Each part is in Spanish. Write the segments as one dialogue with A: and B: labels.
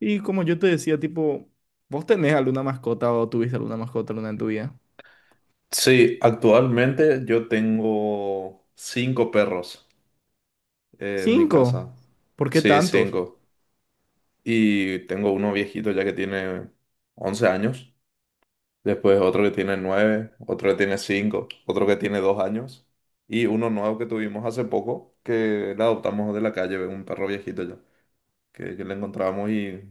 A: Y como yo te decía, tipo, ¿vos tenés alguna mascota o tuviste alguna mascota alguna en tu vida?
B: Sí, actualmente yo tengo cinco perros en mi
A: Cinco.
B: casa.
A: ¿Por qué
B: Sí,
A: tantos?
B: cinco. Y tengo uno viejito ya que tiene 11 años. Después otro que tiene 9, otro que tiene 5, otro que tiene 2 años. Y uno nuevo que tuvimos hace poco, que le adoptamos de la calle, un perro viejito ya, que le encontramos y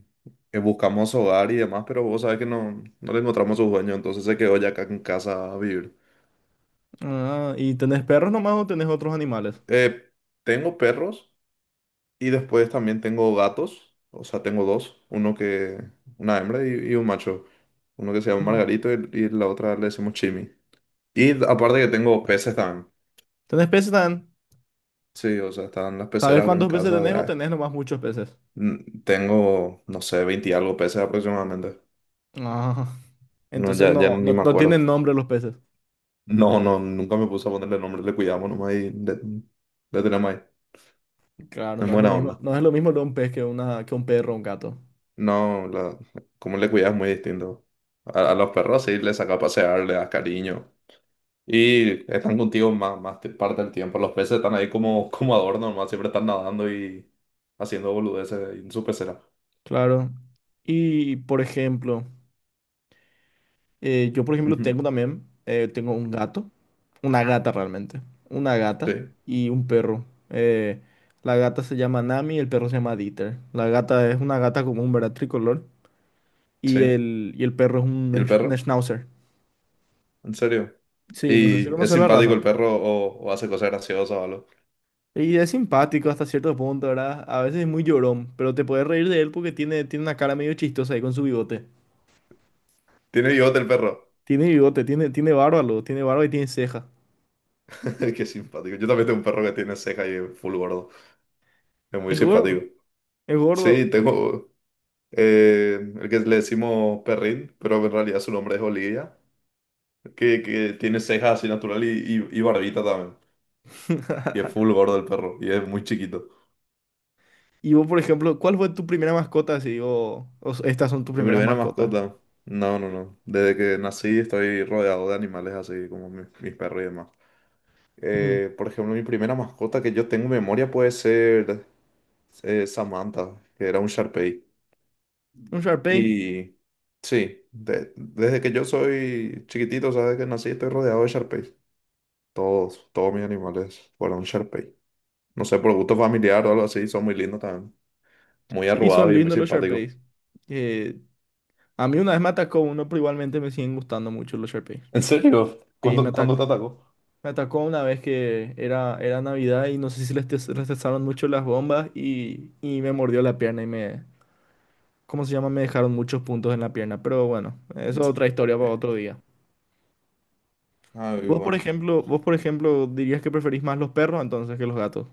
B: buscamos hogar y demás, pero vos sabés que no le encontramos su dueño, entonces se quedó ya acá en casa a vivir.
A: Ah, ¿y tenés perros nomás o tenés otros animales?
B: Eh, Tengo perros. Y después también tengo gatos, o sea, tengo dos, una hembra y un macho, uno que se llama
A: Mm.
B: Margarito y la otra le decimos Chimi. Y aparte que tengo peces también,
A: ¿Tenés peces también?
B: sí, o sea, están las
A: ¿Sabés
B: peceras acá en
A: cuántos peces
B: casa,
A: tenés o
B: ah,
A: tenés nomás muchos peces?
B: tengo, no sé, 20 y algo peces aproximadamente,
A: Ah,
B: no,
A: entonces
B: ya
A: no,
B: ni
A: no,
B: me
A: no
B: acuerdo.
A: tienen nombre los peces.
B: No, no, nunca me puse a ponerle nombre, le cuidamos nomás y le tenemos ahí,
A: Claro,
B: es
A: no es lo
B: buena
A: mismo,
B: onda.
A: no es lo mismo de un pez que que un perro o un gato.
B: No, como le cuidas es muy distinto. A los perros sí les saca a pasear, le das cariño. Y están contigo más parte del tiempo. Los peces están ahí como adorno, nomás siempre están nadando y haciendo boludeces ahí en su pecera.
A: Claro. Y, por ejemplo, yo, por ejemplo,
B: Ujú.
A: tengo también, tengo un gato, una gata realmente, una
B: Sí,
A: gata y un perro. Eh, la gata se llama Nami y el perro se llama Dieter. La gata es una gata común, ¿verdad? Tricolor. Y
B: sí.
A: el, y el perro es
B: ¿Y el
A: un
B: perro?
A: schnauzer.
B: ¿En serio?
A: Sí, no sé si
B: ¿Y es
A: conoces la
B: simpático
A: raza.
B: el perro o hace cosas graciosas o algo?
A: Y es simpático hasta cierto punto, ¿verdad? A veces es muy llorón, pero te puedes reír de él porque tiene una cara medio chistosa ahí con su bigote.
B: Tiene bigote el perro.
A: Tiene bigote, tiene barba, luego, tiene barba y tiene ceja.
B: Qué simpático. Yo también tengo un perro que tiene ceja y es full gordo. Es muy
A: Es gordo,
B: simpático.
A: es gordo.
B: Sí, tengo el que le decimos perrín, pero en realidad su nombre es Olivia, que tiene cejas así natural y barbita también. Y es full gordo el perro. Y es muy chiquito.
A: Y vos, por ejemplo, ¿cuál fue tu primera mascota? Si digo, estas son tus
B: Mi
A: primeras
B: primera
A: mascotas.
B: mascota. No, no, no. Desde que nací estoy rodeado de animales así como mis perros y demás.
A: Mm.
B: Por ejemplo, mi primera mascota que yo tengo en memoria puede ser Samantha, que era un Sharpei.
A: Un Sharpei.
B: Y sí, desde que yo soy chiquitito, sabes que nací, estoy rodeado de Sharpeis. Todos mis animales fueron Sharpei. No sé, por gusto familiar o algo así, son muy lindos también. Muy
A: Sí,
B: arrugados
A: son
B: y muy
A: lindos los
B: simpáticos.
A: Sharpeis. Eh, a mí una vez me atacó uno, pero igualmente me siguen gustando mucho los Sharpeis.
B: ¿En serio?
A: Sí, me
B: ¿Cuándo
A: atacó
B: te atacó?
A: me atacó una vez que era Navidad y no sé si les testaron mucho las bombas y me mordió la pierna y me, ¿cómo se llama? Me dejaron muchos puntos en la pierna. Pero bueno, eso es
B: Sí.
A: otra historia para
B: Eh,
A: otro día. ¿Y
B: Ay,
A: vos, por
B: bueno.
A: ejemplo, vos, por ejemplo, dirías que preferís más los perros entonces que los gatos?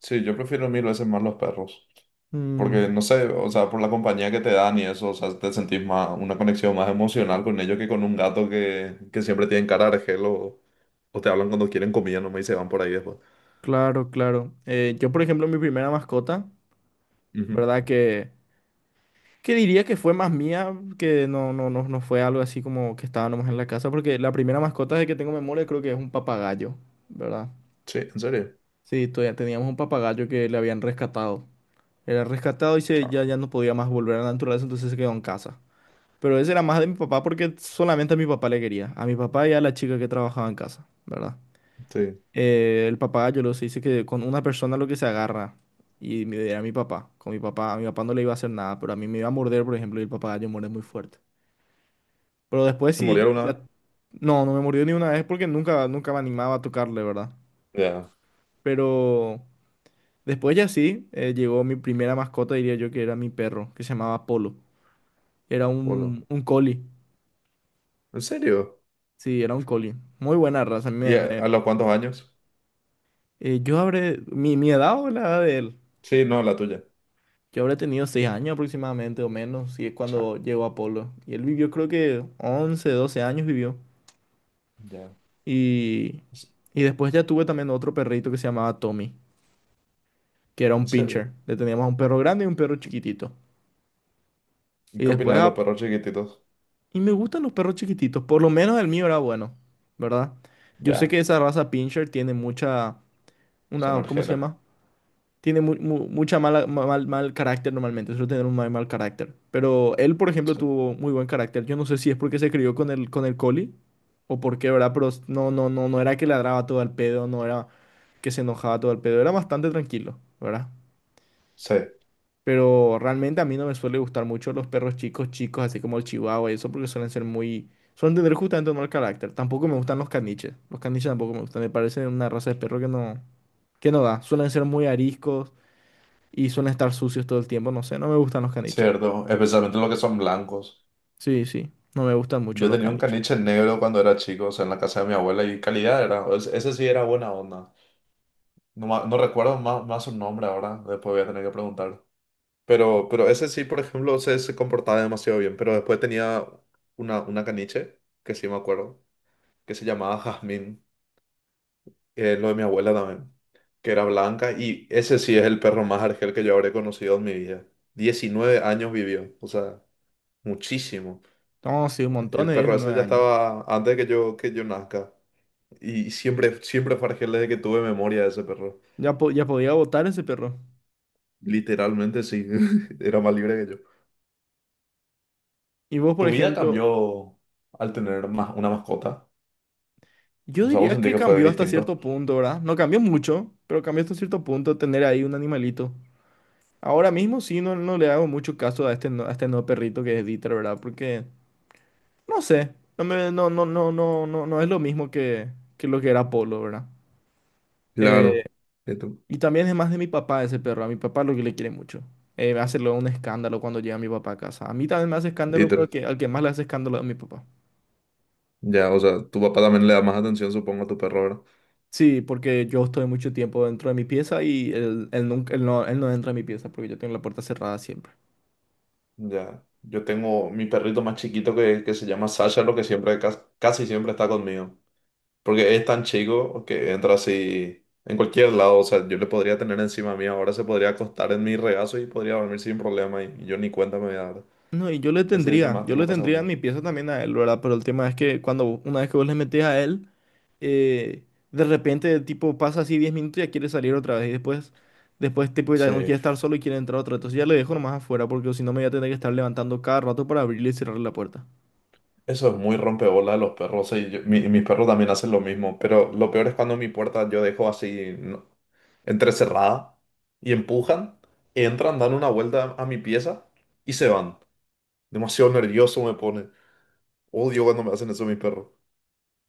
B: Sí, yo prefiero mil veces más los perros.
A: Mm.
B: Porque, no sé, o sea, por la compañía que te dan y eso, o sea, te sentís más, una conexión más emocional con ellos que con un gato que siempre tienen cara de argel o te hablan cuando quieren comida nomás y se van por ahí después.
A: Claro, claro. Yo, por ejemplo, mi primera mascota,
B: Ujú.
A: ¿verdad? Que diría que fue más mía, que no, no, no, no fue algo así como que estaba nomás en la casa, porque la primera mascota de que tengo memoria creo que es un papagayo, ¿verdad?
B: Sí, en serio.
A: Sí, todavía teníamos un papagayo que le habían rescatado. Era rescatado y
B: Chao.
A: ya, ya no podía más volver a la naturaleza, entonces se quedó en casa. Pero ese era más de mi papá porque solamente a mi papá le quería, a mi papá y a la chica que trabajaba en casa, ¿verdad?
B: Sí.
A: El papá, yo lo sé, dice que con una persona lo que se agarra. Y era mi papá. Con mi papá, a mi papá no le iba a hacer nada, pero a mí me iba a morder, por ejemplo, y el papá yo muerde muy fuerte. Pero después
B: ¿Te morí
A: sí, ya.
B: alguna
A: No, no me mordió ni una vez porque nunca, nunca me animaba a tocarle, ¿verdad?
B: vez? Ya.
A: Pero después ya sí, llegó mi primera mascota, diría yo, que era mi perro, que se llamaba Polo. Era
B: Hola.
A: un collie.
B: ¿En serio?
A: Sí, era un collie. Muy buena raza. A mí
B: ¿Y a los cuántos años?
A: yo habré. ¿Mi edad o la edad de él?
B: Sí, no, la tuya.
A: Yo habré tenido 6 años aproximadamente o menos, si es
B: Chao.
A: cuando llegó Apolo. Y él vivió creo que 11 12 años vivió.
B: Ya.
A: Y, y después ya tuve también otro perrito que se llamaba Tommy, que era
B: ¿En
A: un pincher.
B: serio?
A: Le teníamos un perro grande y un perro chiquitito.
B: ¿Y
A: Y
B: qué
A: después,
B: opinas de los perros chiquititos?
A: y me gustan los perros chiquititos, por lo menos el mío era bueno, ¿verdad? Yo sé que
B: Ya.
A: esa raza pincher tiene mucha.
B: Son
A: Una, ¿cómo se
B: argelas.
A: llama? Tiene mucha mal, mal carácter normalmente, suele tener un mal, mal carácter. Pero él, por ejemplo, tuvo muy buen carácter. Yo no sé si es porque se crió con el collie o por qué, ¿verdad? Pero no, no, no, no era que ladraba todo al pedo, no era que se enojaba todo al pedo, era bastante tranquilo, ¿verdad?
B: Sí,
A: Pero realmente a mí no me suele gustar mucho los perros chicos, chicos, así como el chihuahua y eso, porque suelen ser muy. Suelen tener justamente un mal carácter. Tampoco me gustan los caniches. Los caniches tampoco me gustan. Me parecen una raza de perro que no da. Suelen ser muy ariscos y suelen estar sucios todo el tiempo. No sé, no me gustan los caniches.
B: cierto, especialmente los que son blancos.
A: Sí, sí, no me gustan mucho
B: Yo
A: los
B: tenía un
A: caniches.
B: caniche negro cuando era chico, o sea, en la casa de mi abuela y calidad era, ese sí era buena onda. No, no recuerdo más su nombre ahora, después voy a tener que preguntar. Pero ese sí, por ejemplo, se comportaba demasiado bien, pero después tenía una caniche, que sí me acuerdo, que, se llamaba Jazmín, lo de mi abuela también, que era blanca y ese sí es el perro más argel que yo habré conocido en mi vida. 19 años vivió, o sea, muchísimo.
A: No, sí, un montón
B: El
A: de
B: perro ese
A: 19
B: ya
A: años.
B: estaba antes de que yo nazca. Y siempre, siempre fue desde que tuve memoria de ese perro.
A: Ya, ya podía votar ese perro.
B: Literalmente sí, era más libre que yo.
A: Y vos, por
B: ¿Tu vida
A: ejemplo,
B: cambió al tener más una mascota?
A: yo
B: O sea, vos
A: diría
B: sentís
A: que
B: que fue
A: cambió hasta
B: distinto.
A: cierto punto, ¿verdad? No cambió mucho, pero cambió hasta cierto punto tener ahí un animalito. Ahora mismo sí, no, no le hago mucho caso a este, a este nuevo perrito que es Dieter, ¿verdad? Porque, no sé, no, me, no, no, no, no, no, no es lo mismo que lo que era Polo, ¿verdad? Eh,
B: Claro. Y tú,
A: Y también es más de mi papá ese perro. A mi papá lo que le quiere mucho. Me hace luego un escándalo cuando llega mi papá a casa. A mí también me hace
B: y
A: escándalo, pero al
B: tú-
A: que, al que más le hace escándalo es a mi papá.
B: Ya, o sea, tu papá también le da más atención, supongo, a tu perro, ¿verdad?
A: Sí, porque yo estoy mucho tiempo dentro de mi pieza y él nunca, él no entra a mi pieza porque yo tengo la puerta cerrada siempre.
B: Ya. Yo tengo mi perrito más chiquito que se llama Sasha, lo que siempre, casi siempre está conmigo. Porque es tan chico que entra así en cualquier lado. O sea, yo le podría tener encima mía. Ahora se podría acostar en mi regazo y podría dormir sin problema. Y yo ni cuenta me voy a dar.
A: No, y yo le
B: Ese es el que
A: tendría,
B: más
A: yo le
B: tiempo pasa
A: tendría en
B: conmigo.
A: mi pieza también a él, ¿verdad? Pero el tema es que cuando una vez que vos le metés a él, eh, de repente, tipo, pasa así 10 minutos y ya quiere salir otra vez. Y después, tipo, ya no
B: Sí.
A: quiere estar solo y quiere entrar otra vez. Entonces ya le dejo nomás afuera porque si no me voy a tener que estar levantando cada rato para abrirle y cerrarle la puerta.
B: Eso es muy rompebolas de los perros. Sí, mis perros también hacen lo mismo. Pero lo peor es cuando mi puerta yo dejo así entrecerrada y empujan, entran, dan una vuelta a mi pieza y se van. Demasiado nervioso me pone. Odio cuando me hacen eso mis perros.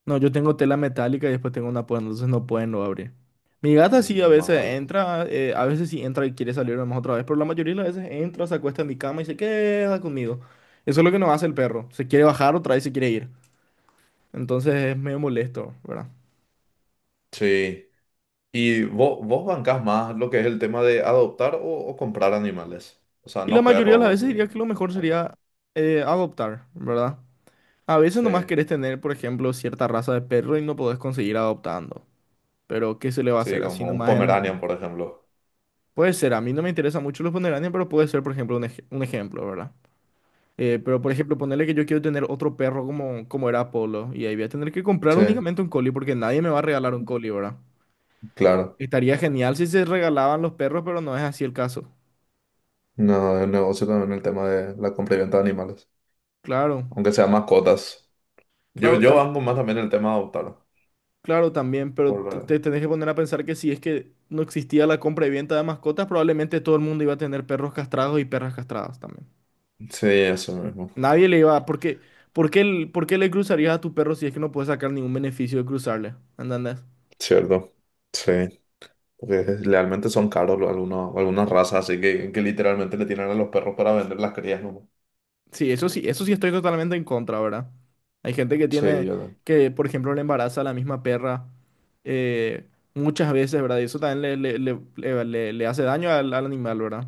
A: No, yo tengo tela metálica y después tengo una puerta, entonces no pueden no abrir. Mi gata sí a
B: Más
A: veces
B: vale.
A: entra, a veces sí entra y quiere salir nomás otra vez, pero la mayoría de las veces entra, se acuesta en mi cama y se queda conmigo. Eso es lo que no hace el perro. Se quiere bajar otra vez y se quiere ir. Entonces es medio molesto, ¿verdad?
B: Sí. ¿Y vos bancás más lo que es el tema de adoptar o comprar animales? O sea,
A: Y la
B: no
A: mayoría de las
B: perros, o
A: veces
B: sea,
A: diría que lo mejor
B: gatos.
A: sería adoptar, ¿verdad? A veces
B: Sí,
A: nomás querés tener, por ejemplo, cierta raza de perro y no podés conseguir adoptando. Pero, ¿qué se le va a
B: sí,
A: hacer? Así
B: como un
A: nomás el mundo.
B: Pomeranian, por ejemplo.
A: Puede ser, a mí no me interesa mucho los pomeranian, pero puede ser, por ejemplo, un ejemplo, ¿verdad? Pero, por ejemplo, ponerle que yo quiero tener otro perro como era Apolo, y ahí voy a tener que comprar
B: Sí,
A: únicamente un collie porque nadie me va a regalar un collie, ¿verdad?
B: claro.
A: Estaría genial si se regalaban los perros, pero no es así el caso.
B: No, es negocio también el tema de la compra y venta de animales,
A: Claro,
B: aunque sean mascotas. Yo,
A: claro,
B: yo
A: tam-
B: banco más también el tema de adoptar.
A: claro, también, pero
B: Por,
A: te tenés que poner a pensar que si es que no existía la compra y venta de mascotas, probablemente todo el mundo iba a tener perros castrados y perras castradas también.
B: sí, eso mismo.
A: Nadie le iba a. ¿Por qué le cruzarías a tu perro si es que no puedes sacar ningún beneficio de cruzarle? ¿Entendés?
B: Cierto. Sí, porque realmente son caros algunas razas, así que literalmente le tienen a los perros para vender las crías, ¿no?
A: Sí, eso sí estoy totalmente en contra, ¿verdad? Hay gente que
B: Sí,
A: tiene,
B: yo
A: que por ejemplo le embaraza a la misma perra eh, muchas veces, ¿verdad? Y eso también le hace daño al animal, ¿verdad?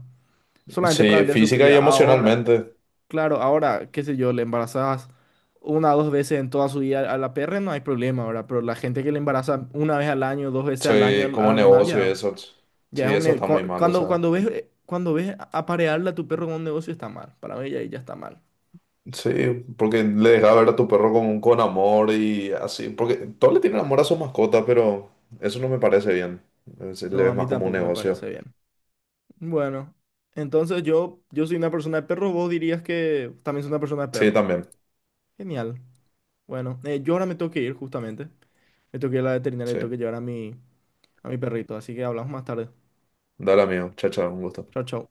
A: Solamente para
B: sí,
A: vender su
B: física y
A: cría. Ahora.
B: emocionalmente.
A: Claro, ahora, qué sé yo, le embarazas una o dos veces en toda su vida a la perra, no hay problema, ahora. Pero la gente que le embaraza una vez al año, dos veces al año
B: Sí,
A: al
B: como
A: animal,
B: negocio y
A: ya,
B: eso.
A: ya
B: Sí,
A: es un,
B: eso está muy mal, o
A: Cuando,
B: sea.
A: cuando ves, eh, cuando ves aparearle a tu perro con un negocio está mal, para mí ya, ya está mal.
B: Sí, porque le dejas ver a tu perro con amor y así. Porque todos le tienen amor a su mascota, pero eso no me parece bien. Le
A: No, a
B: ves
A: mí
B: más como un
A: tampoco me
B: negocio.
A: parece bien. Bueno, entonces yo soy una persona de perros, vos dirías que también soy una persona de
B: Sí,
A: perros.
B: también.
A: Genial. Bueno, yo ahora me tengo que ir justamente. Me tengo que ir a la veterinaria y
B: Sí.
A: tengo que llevar a mi perrito, así que hablamos más tarde.
B: Dale, amigo. Chao, chao. Un gusto.
A: Chao, chao.